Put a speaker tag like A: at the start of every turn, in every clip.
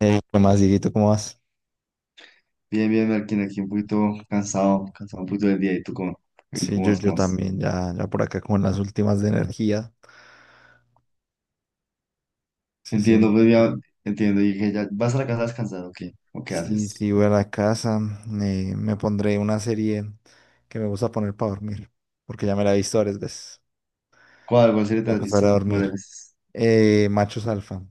A: ¿Qué más, Dieguito? ¿Cómo vas?
B: Bien, bien, Marquín, aquí un poquito cansado, un poquito del día. ¿Y tú
A: Sí,
B: cómo
A: yo,
B: vas,
A: yo
B: cómo vas?
A: también, ya por acá con las últimas de energía. Sí, sí,
B: Entiendo, pues
A: ok.
B: ya, entiendo. Y dije, ya, ¿vas a la casa a descansar o qué? ¿O qué
A: Sí,
B: haces?
A: sí, voy a la casa. Me pondré una serie que me gusta poner para dormir, porque ya me la he visto varias veces.
B: ¿Cuál serie te
A: Me
B: has
A: acostaré a
B: visto varias
A: dormir.
B: veces?
A: Machos Alfa.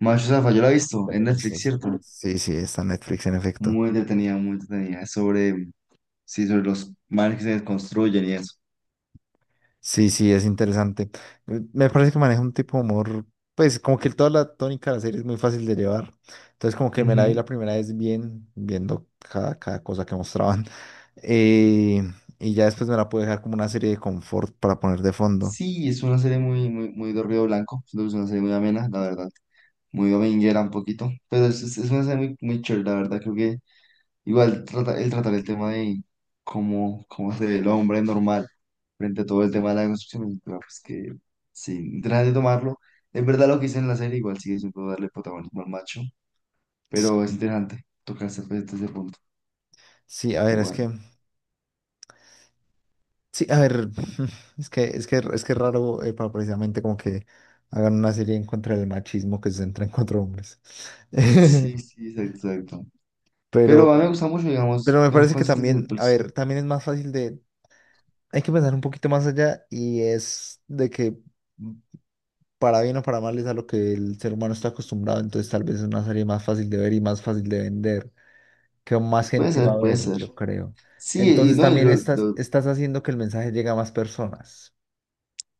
B: Macho Zaffa, yo la he visto
A: Pero
B: en
A: eso
B: Netflix,
A: es-
B: ¿cierto?
A: Sí, sí, está en Netflix en efecto.
B: Muy entretenida, muy entretenida. Es sí, sobre los manes que se desconstruyen y eso.
A: Sí, sí, es interesante. Me parece que maneja un tipo de humor, pues como que toda la tónica de la serie es muy fácil de llevar. Entonces como que me la vi la
B: Ujú.
A: primera vez bien, viendo cada cosa que mostraban. Eh, y ya después me la pude dejar como una serie de confort para poner de fondo.
B: Sí, es una serie muy de ruido blanco. Siento que es una serie muy amena, la verdad. Muy dominguera un poquito. Pero es una serie muy, muy chévere, la verdad. Creo que igual trata, el tratar el tema de cómo se ve el hombre normal frente a todo el tema de la construcción, es pues que sí, interesante tomarlo. Es verdad lo que hice en la serie, igual sigue siendo darle protagonismo al macho, pero es
A: Sí,
B: interesante tocarse, pues, desde ese punto.
A: sí, a ver,
B: Igual.
A: sí, a ver, es que es raro para precisamente como que hagan una serie en contra del machismo que se centra en cuatro hombres.
B: Sí, sí, exacto, exacto.
A: Pero,
B: Pero a mí me gusta mucho,
A: pero
B: digamos,
A: me
B: los
A: parece que
B: conceptos que se
A: también, a
B: pues,
A: ver, también es más fácil de, hay que pensar un poquito más allá y es de que mm, para bien o para mal es a lo que el ser humano está acostumbrado, entonces tal vez es una serie más fácil de ver y más fácil de vender, que más
B: puede
A: gente va a
B: ser, puede
A: ver,
B: ser.
A: yo creo.
B: Sí, y
A: Entonces
B: no,
A: también estás, estás haciendo que el mensaje llegue a más personas,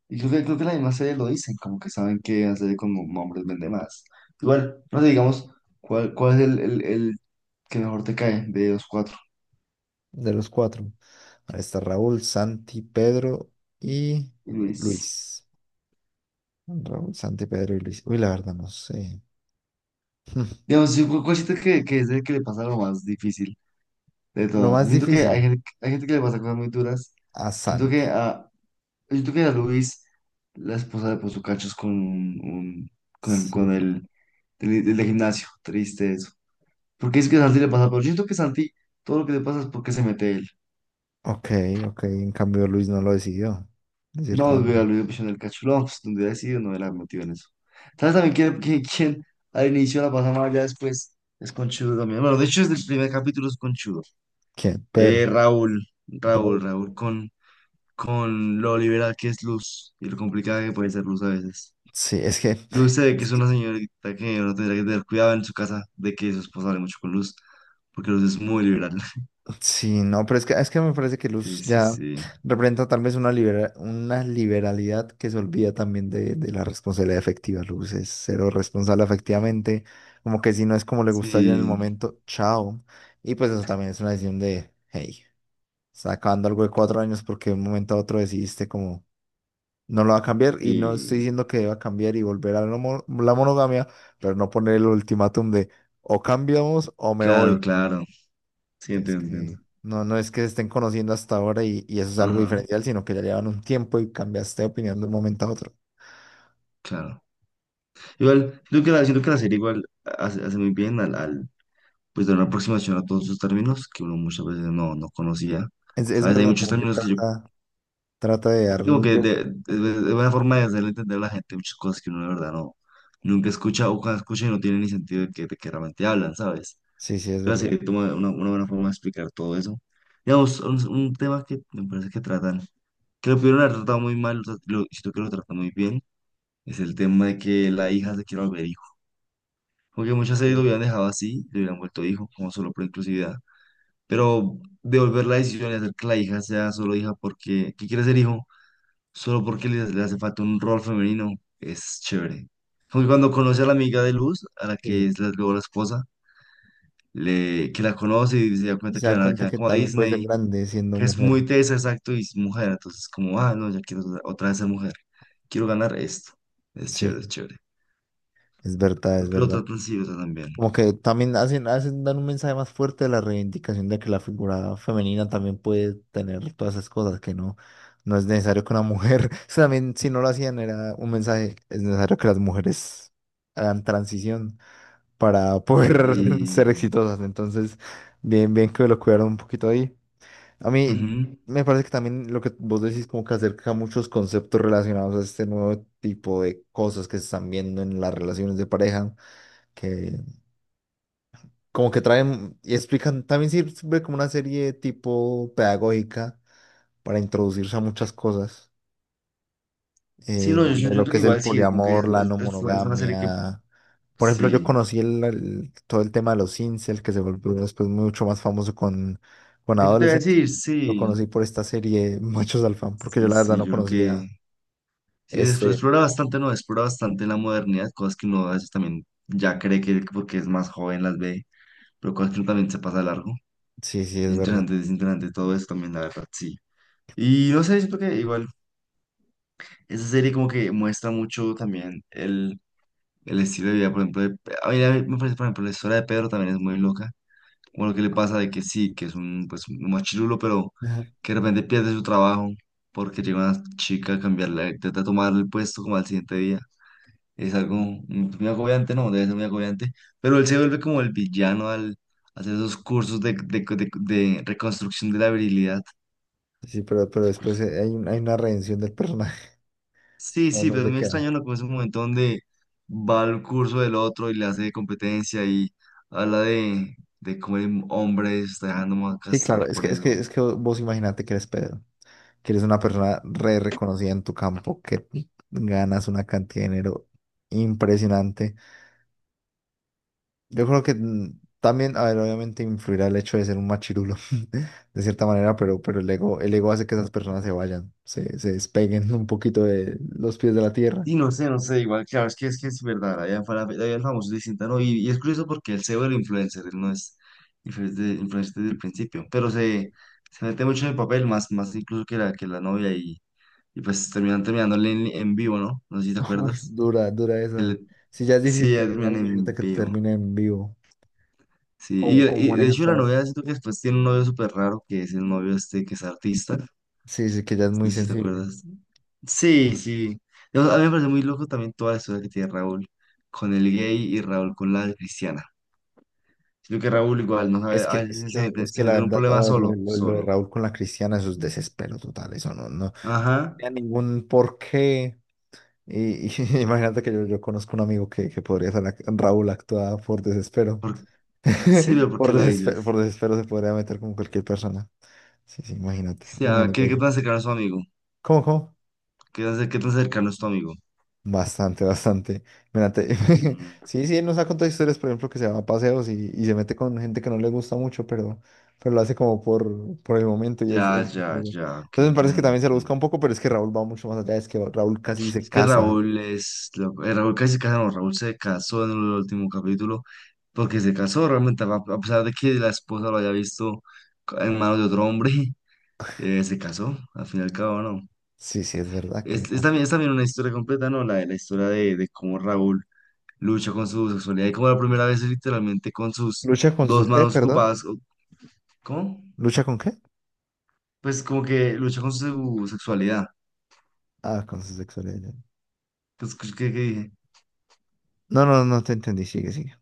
B: y creo que la misma serie lo dicen, como que saben que hacer con hombres vende más. Igual, no sé, digamos. ¿Cuál es el que mejor te cae de los cuatro?
A: de los cuatro. Ahí está Raúl, Santi, Pedro y
B: Luis.
A: Luis. Raúl, Santi, Pedro y Luis. Uy, la verdad no sé.
B: Digamos, cuál siento que es el que le pasa lo más difícil de
A: Lo
B: todo. Yo
A: más
B: siento que
A: difícil,
B: hay gente que le pasa cosas muy duras.
A: a
B: Yo siento que
A: Santi.
B: a, yo siento que a Luis, la esposa le puso cachos con con
A: Sí.
B: del del de gimnasio. Triste eso. Porque es que a Santi le pasa, pero yo siento que Santi, todo lo que le pasa es porque se mete él.
A: Ok, ok. En cambio, Luis no lo decidió, de cierta
B: No, güey, al
A: manera.
B: mismo pichón del cachulón, pues, donde hubiera sido, no hubiera metido en eso. ¿Sabes también quién al inicio la pasa mal, ya después es conchudo también? Bueno, de hecho, desde el primer capítulo es conchudo.
A: ¿Quién? Pedro.
B: Raúl,
A: Raúl.
B: Raúl, Raúl, con, con lo liberal que es Luz y lo complicada que puede ser Luz a veces.
A: Sí,
B: Luz se ve que
A: es
B: es
A: que-
B: una señorita que uno tendría que tener cuidado en su casa de que su esposa hable mucho con Luz, porque Luz es muy liberal.
A: sí, no, pero es que me parece que
B: Sí,
A: Luz
B: sí,
A: ya
B: sí.
A: representa tal vez una, una liberalidad que se olvida también de la responsabilidad efectiva. Luz es cero responsable efectivamente, como que si no es como le gusta ya en el
B: Sí,
A: momento, chao. Y pues eso también es una decisión de, hey, sacando algo de cuatro años porque de un momento a otro decidiste como... No lo va a cambiar y no
B: y
A: estoy diciendo que deba cambiar y volver a la, la monogamia, pero no poner el ultimátum de o cambiamos o me
B: claro,
A: voy.
B: claro. Sí,
A: Que es
B: entiendo, entiendo.
A: que no, no es que se estén conociendo hasta ahora y eso es algo
B: Ajá,
A: diferencial, sino que ya llevan un tiempo y cambiaste de opinión de un momento a otro.
B: claro. Igual, creo que la, siento que la serie igual hace muy bien pues dar una aproximación a todos esos términos que uno muchas veces no, no conocía.
A: Es
B: ¿Sabes? Hay
A: verdad,
B: muchos
A: como que
B: términos que yo,
A: trata, trata de
B: como que
A: darle.
B: de, de,
A: Ajá.
B: de buena forma de hacerle entender a la gente muchas cosas que uno de verdad no, nunca escucha o cuando escucha y no tiene ni sentido de que realmente hablan, ¿sabes?
A: Sí, sí, es
B: La
A: verdad.
B: serie toma una buena forma de explicar todo eso. Digamos, un tema que me parece que tratan, que lo pudieron haber tratado muy mal, siento que lo tratan muy bien, es el tema de que la hija se quiere volver. Como que muchas series lo
A: Sí,
B: hubieran dejado así, le hubieran vuelto hijo, como solo por inclusividad. Pero devolver la decisión y hacer que la hija sea solo hija porque, que quiere ser hijo, solo porque le hace falta un rol femenino, es chévere. Como que cuando conoce a la amiga de Luz, a la
A: sí,
B: que
A: sí.
B: es la, luego la esposa, que la conoce y se da
A: Y
B: cuenta
A: se
B: que
A: da
B: van a
A: cuenta
B: quedar
A: que
B: como a
A: también puede ser
B: Disney,
A: grande siendo
B: que es
A: mujer.
B: muy tesa, exacto, y es mujer. Entonces, como, ah, no, ya quiero otra vez ser mujer, quiero ganar esto. Es chévere, es
A: Sí,
B: chévere.
A: es verdad, es
B: Porque lo
A: verdad.
B: tratan así, lo tratan bien.
A: Como que también hacen, hacen, dan un mensaje más fuerte de la reivindicación de que la figura femenina también puede tener todas esas cosas, que no, no es necesario que una mujer, eso también si no lo hacían era un mensaje, es necesario que las mujeres hagan transición para poder ser
B: Y
A: exitosas. Entonces, bien, bien que lo cuidaron un poquito ahí. A mí
B: ujú.
A: me parece que también lo que vos decís como que acerca muchos conceptos relacionados a este nuevo tipo de cosas que se están viendo en las relaciones de pareja que como que traen y explican, también sirve como una serie tipo pedagógica para introducirse a muchas cosas
B: Sí, no, yo
A: de lo
B: siento
A: que
B: que
A: es el
B: igual sí, es como que
A: poliamor, la no
B: es una serie que
A: monogamia. Por ejemplo, yo
B: sí.
A: conocí todo el tema de los incel, que se volvió después mucho más famoso con
B: Eso te voy a
A: adolescentes.
B: decir,
A: Lo
B: sí.
A: conocí por esta serie Machos Alfán, porque yo
B: Sí,
A: la verdad
B: sí,
A: no
B: yo creo que
A: conocía
B: sí, es-
A: este.
B: explora bastante, ¿no? Explora bastante la modernidad, cosas que uno a veces también ya cree que porque es más joven las ve, pero cosas que uno también se pasa de largo.
A: Sí, sí, es verdad.
B: Es interesante todo eso también, la verdad, sí. Y no sé, siento que igual esa serie como que muestra mucho también el estilo de vida, por ejemplo, a mí me parece, por ejemplo, la historia de Pedro también es muy loca. Bueno, qué le pasa de que sí, que es un, pues, un machirulo, pero
A: Ajá.
B: que de repente pierde su trabajo porque llega una chica a cambiarle, intenta tomarle el puesto como al siguiente día. Es algo muy agobiante, no, debe ser muy agobiante, pero él se vuelve como el villano al hacer esos cursos de reconstrucción de la virilidad.
A: Sí, pero después hay, hay una redención del personaje.
B: Sí,
A: No,
B: sí,
A: no
B: pero es
A: se
B: muy extraño,
A: queda.
B: ¿no? Como ese momento donde va al curso del otro y le hace competencia y habla de cómo el hombre se está dejando más
A: Sí, claro,
B: castrar por eso.
A: es que vos imagínate que eres Pedro, que eres una persona re reconocida en tu campo, que ganas una cantidad de dinero impresionante. Yo creo que también, a ver, obviamente influirá el hecho de ser un machirulo, de cierta manera, pero el ego hace que esas personas se vayan, se despeguen un poquito de los pies de la tierra.
B: Y no sé, no sé, igual, claro, es que es que es verdad, allá el famoso distinta, ¿no? Y es curioso porque él se vuelve influencer, él no es influencer, influencer desde el principio, pero se,
A: Sí.
B: se mete mucho en el papel, más, más incluso que la novia, y pues terminan terminándole en vivo, ¿no? No sé si te
A: Uf,
B: acuerdas.
A: dura, dura esa.
B: Él-
A: Si ya es
B: sí,
A: difícil
B: ya
A: terminar,
B: terminan
A: imagínate
B: en
A: que
B: vivo,
A: termine en vivo.
B: sí,
A: ¿Cómo, cómo
B: y de
A: manejas
B: hecho la
A: esas?
B: novia siento que después tiene un novio súper raro, que es el novio este que es artista,
A: Sí, sí, que ya es
B: no
A: muy
B: sé si te
A: sensible.
B: acuerdas. Sí, sí. A mí me parece muy loco también toda la historia que tiene Raúl con el gay y Raúl con la cristiana. Sino que Raúl igual no sabe, a veces se mete,
A: Es
B: se
A: que la
B: mete en un
A: verdad,
B: problema
A: a ver,
B: solo,
A: lo de
B: solo.
A: Raúl con la Cristiana, eso es desespero total, eso no, no tenía
B: Ajá.
A: ningún porqué. Y imagínate que yo conozco un amigo que podría ser Raúl actuada por desespero.
B: Por- sí, pero ¿por qué lo dices?
A: Por desespero se podría meter con cualquier persona. Sí, sí, imagínate,
B: Sí, ah,
A: imagínate
B: ¿qué
A: eso.
B: tan cercano es tu amigo?
A: ¿Cómo, cómo?
B: Qué tan cercano es tu amigo?
A: Bastante, bastante. Mira,
B: Mm,
A: Sí, sí, él nos ha contado historias, por ejemplo, que se va a paseos y se mete con gente que no le gusta mucho, pero lo hace como por el momento y
B: ya, ya,
A: entonces
B: ya. Ok,
A: me parece que
B: interesante,
A: también se lo busca
B: interesante.
A: un poco, pero es que Raúl va mucho más allá, es que Raúl casi se
B: Es que
A: casa.
B: Raúl es loco. Raúl casi se casó, no, Raúl se casó en el último capítulo porque se casó realmente, a pesar de que la esposa lo haya visto en manos de otro hombre. Se casó, al fin y al cabo, ¿no?
A: Sí, sí, es verdad que se
B: Es también,
A: casa.
B: es también una historia completa, ¿no? La historia de cómo Raúl lucha con su sexualidad y cómo la primera vez es literalmente con sus
A: ¿Lucha con
B: dos
A: su qué,
B: manos
A: perdón?
B: ocupadas, ¿cómo?
A: ¿Lucha con qué?
B: Pues como que lucha con su sexualidad.
A: Ah, con su sexualidad.
B: Pues, ¿qué dije?
A: No, no, no te entendí, sigue, sigue.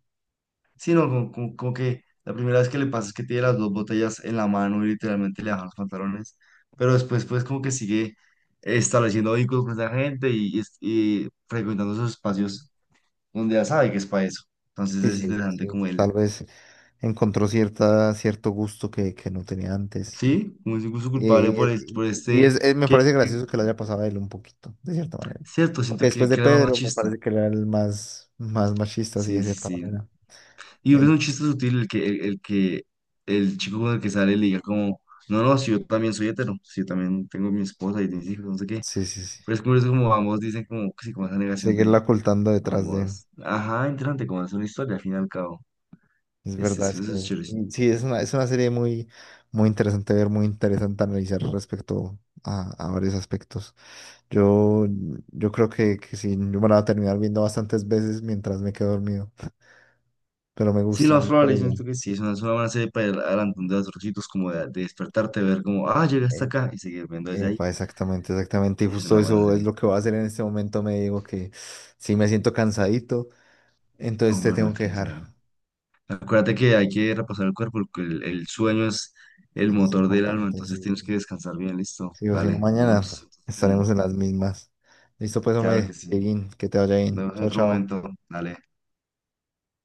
B: Sí, no, como que la primera vez que le pasa es que tiene las dos botellas en la mano y literalmente le bajan los pantalones, pero después pues como que sigue estableciendo vínculos con esa gente y frecuentando esos espacios donde ya sabe que es para eso. Entonces
A: Sí,
B: es
A: sí,
B: interesante
A: sí.
B: como él,
A: Tal vez encontró cierta, cierto gusto que no tenía antes. Y,
B: sí, como es incluso culpable por,
A: y-
B: por
A: y
B: este,
A: es, me
B: que,
A: parece
B: que-
A: gracioso que lo haya pasado a él un poquito, de cierta manera.
B: cierto,
A: Porque
B: siento
A: después de
B: que era más
A: Pedro, me
B: machista.
A: parece que era el más, más machista, así
B: Sí,
A: de
B: sí,
A: cierta
B: sí.
A: manera.
B: Y es un
A: En-
B: chiste sutil el que el chico con el que sale le diga como, no, no, si yo también soy hetero, si yo también tengo mi esposa y mis hijos, no sé qué.
A: sí, sí, sí.
B: Pero es curioso como ambos dicen como, sí, como esa negación
A: Seguirla
B: de
A: ocultando detrás de.
B: ambos. Ajá, interesante, como es una historia al fin y al cabo.
A: Es verdad, es
B: Eso
A: que
B: es chévere. Sí.
A: sí, sí, es una serie muy, muy interesante ver, muy interesante analizar respecto a varios aspectos. Yo, yo creo que sí, yo me la voy a terminar viendo bastantes veces mientras me quedo dormido, pero
B: Sí, lo
A: me
B: más
A: gusta
B: probable,
A: la
B: yo
A: idea.
B: siento que sí, es una buena serie para ir adelante de los sitios, como de despertarte, ver como, ah, llegué hasta
A: Eh,
B: acá y seguir viendo desde ahí.
A: Epa, exactamente, exactamente. Y
B: Es
A: justo
B: una buena
A: eso es
B: serie.
A: lo que voy a hacer en este momento. Me digo que si me siento cansadito, entonces te
B: Hombre,
A: tengo que
B: Malkin,
A: dejar.
B: claro. Acuérdate que hay que repasar el cuerpo, porque el sueño es el
A: Es
B: motor del alma,
A: importante,
B: entonces
A: sí. Sí.
B: tienes que descansar bien, listo.
A: Sí o si no,
B: Dale, nos
A: mañana
B: vemos. en-
A: estaremos en las mismas. Listo, pues,
B: Claro que
A: hombre,
B: sí.
A: Dieguín, que te vaya bien.
B: Nos vemos en
A: Chao,
B: otro
A: chao.
B: momento. Dale.